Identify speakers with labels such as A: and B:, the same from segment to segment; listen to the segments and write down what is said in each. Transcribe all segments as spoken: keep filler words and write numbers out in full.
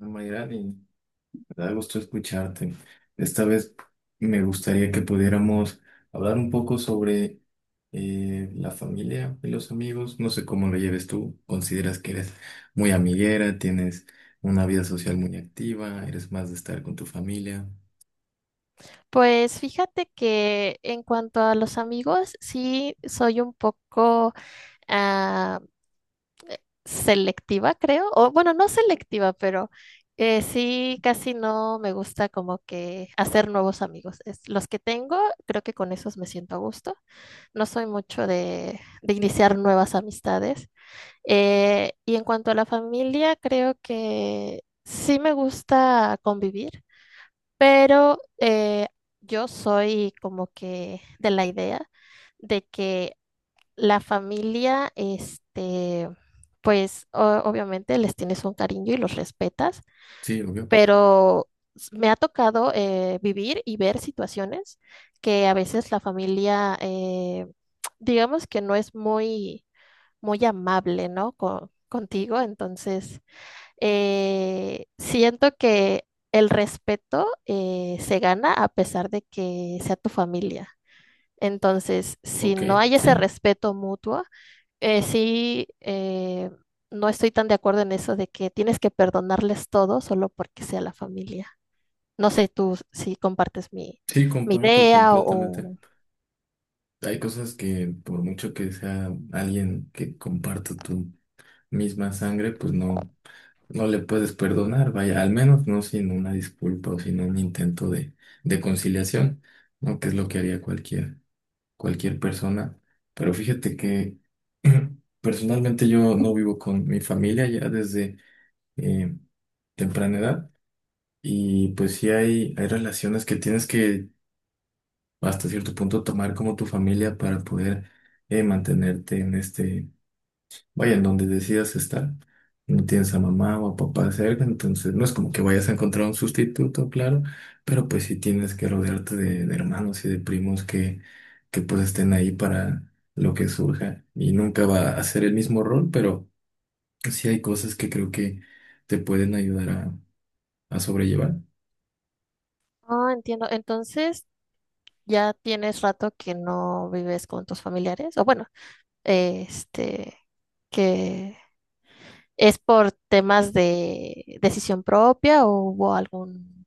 A: Mayrani, me da gusto escucharte. Esta vez me gustaría que pudiéramos hablar un poco sobre eh, la familia y los amigos. No sé cómo lo lleves tú. ¿Consideras que eres muy amiguera? ¿Tienes una vida social muy activa? ¿Eres más de estar con tu familia?
B: Pues fíjate que en cuanto a los amigos, sí soy un poco ah, selectiva, creo. O bueno, no selectiva, pero eh, sí casi no me gusta como que hacer nuevos amigos. Es- los que tengo, creo que con esos me siento a gusto. No soy mucho de, de iniciar nuevas amistades. Eh, y en cuanto a la familia, creo que sí me gusta convivir. Pero eh, yo soy como que de la idea de que la familia, este, pues o- obviamente les tienes un cariño y los respetas,
A: Sí, obvio.
B: pero s- me ha tocado eh, vivir y ver situaciones que a veces la familia, eh, digamos que no es muy, muy amable, ¿no? co- contigo. Entonces eh, siento que el respeto eh, se gana a pesar de que sea tu familia. Entonces, si
A: Ok,
B: no hay ese
A: sí.
B: respeto mutuo, eh, sí, eh, no estoy tan de acuerdo en eso de que tienes que perdonarles todo solo porque sea la familia. No sé tú si compartes mi,
A: Sí,
B: mi
A: comparto
B: idea
A: completamente.
B: o...
A: Hay cosas que por mucho que sea alguien que comparta tu misma sangre, pues no. No le puedes perdonar, vaya, al menos no sin una disculpa o sin un intento de, de conciliación, ¿no? Que es lo que haría cualquier, cualquier persona. Pero fíjate que personalmente yo no vivo con mi familia ya desde eh, temprana edad y pues sí hay, hay relaciones que tienes que hasta cierto punto tomar como tu familia para poder eh, mantenerte en este. Vaya, en donde decidas estar, no tienes a mamá o a papá cerca, entonces no es como que vayas a encontrar un sustituto, claro, pero pues sí tienes que rodearte de, de hermanos y de primos que, que pues estén ahí para lo que surja y nunca va a ser el mismo rol, pero sí hay cosas que creo que te pueden ayudar a, a sobrellevar.
B: Ah, entiendo. Entonces, ya tienes rato que no vives con tus familiares, o bueno, este, que ¿es por temas de decisión propia o hubo algún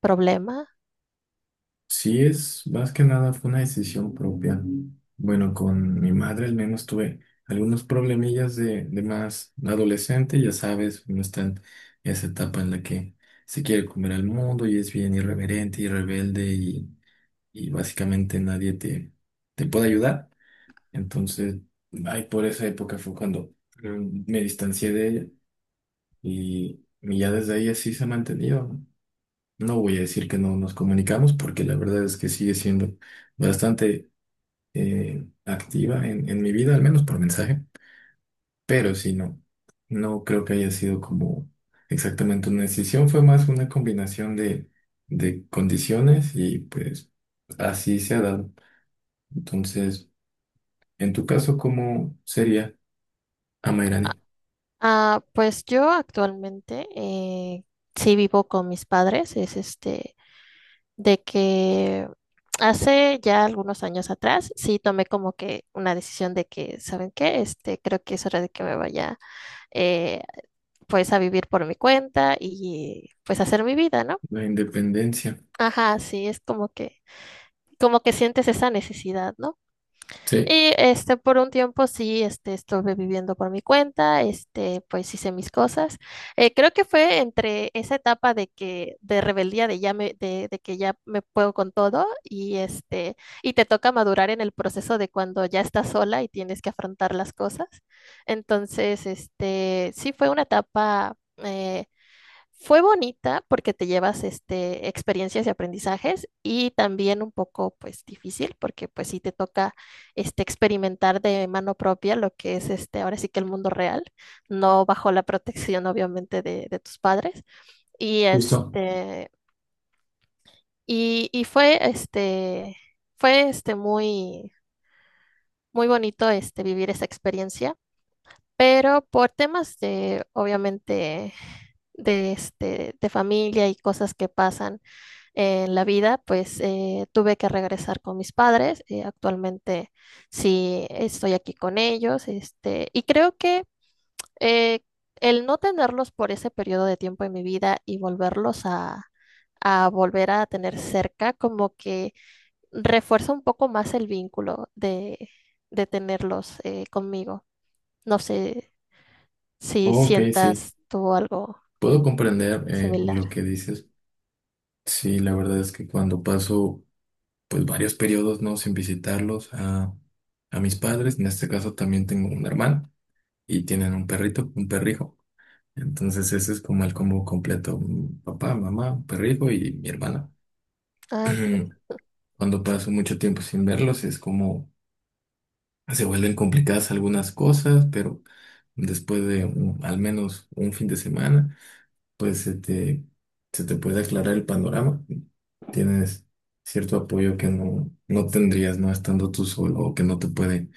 B: problema?
A: Sí, es más que nada fue una decisión propia. Bueno, con mi madre al menos tuve algunos problemillas de, de más adolescente, ya sabes, uno está en esa etapa en la que se quiere comer al mundo y es bien irreverente y rebelde y, y básicamente nadie te, te puede ayudar. Entonces, ay, por esa época fue cuando mm, me distancié de ella y, y ya desde ahí así se ha mantenido, ¿no? No voy a decir que no nos comunicamos porque la verdad es que sigue siendo bastante eh, activa en, en mi vida, al menos por mensaje, pero sí, no, no creo que haya sido como exactamente una decisión, fue más una combinación de, de condiciones y pues así se ha dado. Entonces, en tu caso, ¿cómo sería,
B: Ah,
A: Amairani?
B: ah, pues yo actualmente eh, sí vivo con mis padres. Es este de que hace ya algunos años atrás sí tomé como que una decisión de que, ¿saben qué? Este, creo que es hora de que me vaya, eh, pues, a vivir por mi cuenta y pues hacer mi vida, ¿no?
A: La independencia.
B: Ajá, sí, es como que, como que sientes esa necesidad, ¿no?
A: Sí,
B: Y este, por un tiempo sí, este, estuve viviendo por mi cuenta, este, pues hice mis cosas. Eh, creo que fue entre esa etapa de que, de rebeldía, de ya me, de, de que ya me puedo con todo, y este, y te toca madurar en el proceso de cuando ya estás sola y tienes que afrontar las cosas. Entonces, este, sí fue una etapa, eh, fue bonita porque te llevas este, experiencias y aprendizajes, y también un poco pues difícil porque pues sí te toca este, experimentar de mano propia lo que es este, ahora sí que el mundo real, no bajo la protección obviamente de, de tus padres. Y
A: justo.
B: este, y, y fue este, fue este muy, muy bonito este, vivir esa experiencia, pero por temas de obviamente de, este, de familia y cosas que pasan en la vida. Pues eh, tuve que regresar con mis padres. Eh, actualmente sí estoy aquí con ellos, este, y creo que eh, el no tenerlos por ese periodo de tiempo en mi vida y volverlos a, a volver a tener cerca, como que refuerza un poco más el vínculo de, de tenerlos eh, conmigo. No sé si
A: Ok, sí,
B: sientas tú algo
A: puedo comprender eh,
B: similar.
A: lo que dices. Sí, la verdad es que cuando paso pues varios periodos, ¿no? Sin visitarlos a, a mis padres. En este caso también tengo un hermano y tienen un perrito, un perrijo. Entonces ese es como el combo completo. Un papá, mamá, un perrijo y mi hermana.
B: Ah, entiendo.
A: Cuando paso mucho tiempo sin verlos es como se vuelven complicadas algunas cosas, pero después de un- al menos un fin de semana, pues se te, se te puede aclarar el panorama. Tienes cierto apoyo que no, no tendrías, ¿no? Estando tú solo o que no te puede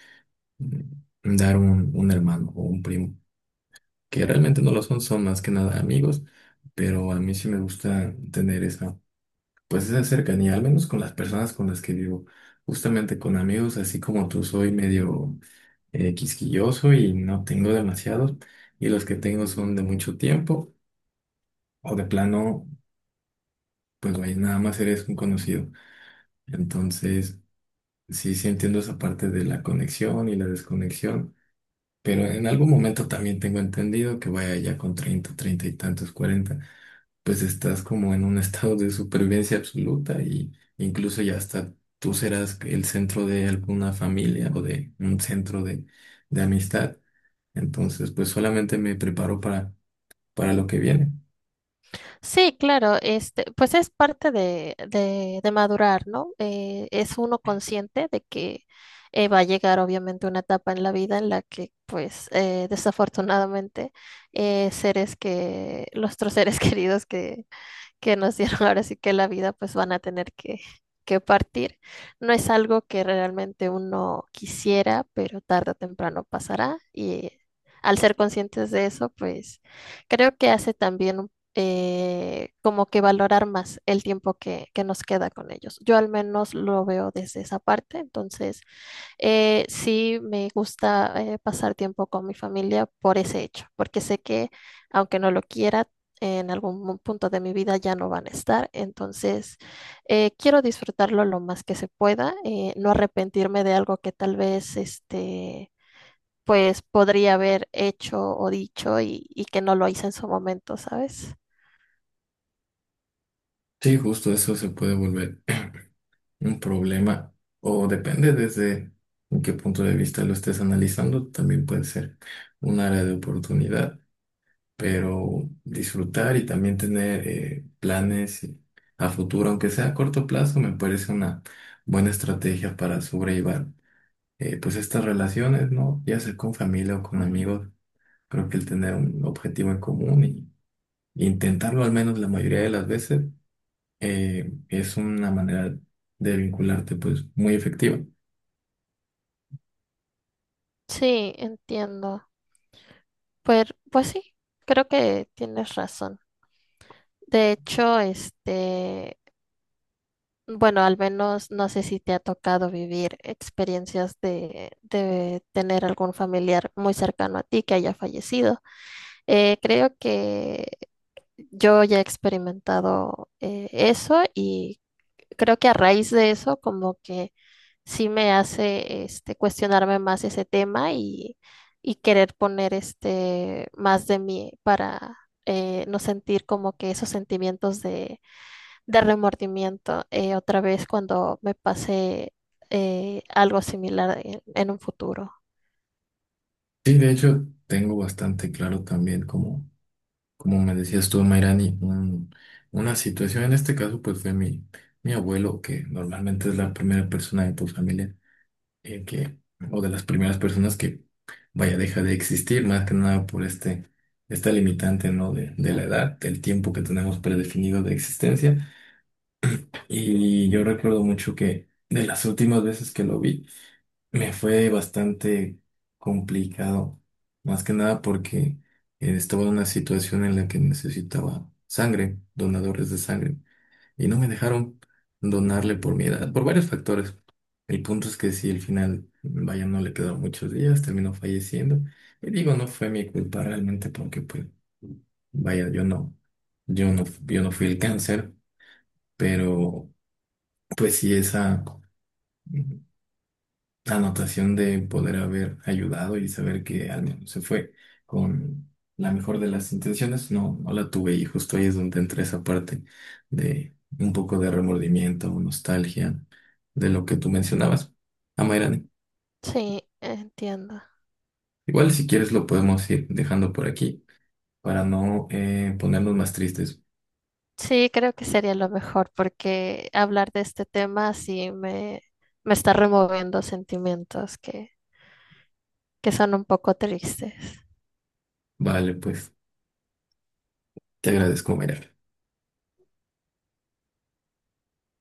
A: mm, dar un, un hermano o un primo, que realmente no lo son, son más que nada amigos, pero a mí sí me gusta tener esa, pues esa cercanía, al menos con las personas con las que vivo. Justamente con amigos, así como tú, soy medio eh, quisquilloso y no tengo demasiados, y los que tengo son de mucho tiempo o de plano, pues vaya, nada más eres un conocido. Entonces, sí, sí entiendo esa parte de la conexión y la desconexión, pero en algún momento también tengo entendido que vaya ya con treinta treinta y tantos, cuarenta, pues estás como en un estado de supervivencia absoluta y incluso ya hasta tú serás el centro de alguna familia o de un centro de, de amistad. Entonces, pues solamente me preparo para, para lo que viene.
B: Sí, claro, este, pues es parte de, de, de madurar, ¿no? Eh, es uno consciente de que eh, va a llegar obviamente una etapa en la vida en la que, pues, eh, desafortunadamente, eh, seres que, nuestros seres queridos que, que nos dieron ahora sí que la vida, pues van a tener que, que partir. No es algo que realmente uno quisiera, pero tarde o temprano pasará, y al ser conscientes de eso, pues creo que hace también un eh, como que valorar más el tiempo que, que nos queda con ellos. Yo al menos lo veo desde esa parte. Entonces eh, sí, me gusta eh, pasar tiempo con mi familia por ese hecho, porque sé que aunque no lo quiera, en algún mo- punto de mi vida ya no van a estar. Entonces eh, quiero disfrutarlo lo más que se pueda, eh, no arrepentirme de algo que tal vez este, pues podría haber hecho o dicho y, y que no lo hice en su momento, ¿sabes?
A: Sí, justo eso se puede volver un problema, o depende desde en qué punto de vista lo estés analizando, también puede ser un área de oportunidad, pero disfrutar y también tener eh, planes y- a futuro, aunque sea a corto plazo, me parece una buena estrategia para sobrellevar eh, pues estas relaciones, ¿no? Ya sea con familia o con amigos, creo que el tener un objetivo en común y intentarlo al menos la mayoría de las veces eh, es una manera de vincularte pues muy efectiva.
B: Sí, entiendo. Pues, pues sí, creo que tienes razón. De hecho, este, bueno, al menos no sé si te ha tocado vivir experiencias de, de tener algún familiar muy cercano a ti que haya fallecido. Eh, creo que yo ya he experimentado eh, eso, y creo que a raíz de eso como que sí me hace este, cuestionarme más ese tema, y, y querer poner este, más de mí para eh, no sentir como que esos sentimientos de de remordimiento eh, otra vez cuando me pase eh, algo similar en, en un futuro.
A: Sí, de hecho, tengo bastante claro también, como, como me decías tú, Mayrani, un- una situación, en este caso, pues fue mi, mi abuelo, que normalmente es la primera persona de tu familia, eh, que, o de las primeras personas que, vaya, deja de existir, más que nada por este, esta limitante, ¿no? De, de la edad, del tiempo que tenemos predefinido de existencia. Y yo recuerdo mucho que de las últimas veces que lo vi, me fue bastante complicado, más que nada porque eh, estaba en una situación en la que necesitaba sangre, donadores de sangre, y no me dejaron donarle por mi edad, por varios factores. El punto es que si al final, vaya, no le quedaron muchos días, terminó falleciendo. Y digo, no fue mi culpa realmente porque, pues, vaya, yo no, yo no, yo no fui el cáncer, pero pues sí esa anotación de poder haber ayudado y saber que al menos se fue con la mejor de las intenciones, no, no la tuve, y justo ahí es donde entra esa parte de un poco de remordimiento o nostalgia de lo que tú mencionabas. Amairani,
B: Sí, entiendo.
A: igual si quieres lo podemos ir dejando por aquí para no eh, ponernos más tristes.
B: Sí, creo que sería lo mejor porque hablar de este tema sí me, me está removiendo sentimientos que, que son un poco tristes.
A: Vale, pues te agradezco, Amairani.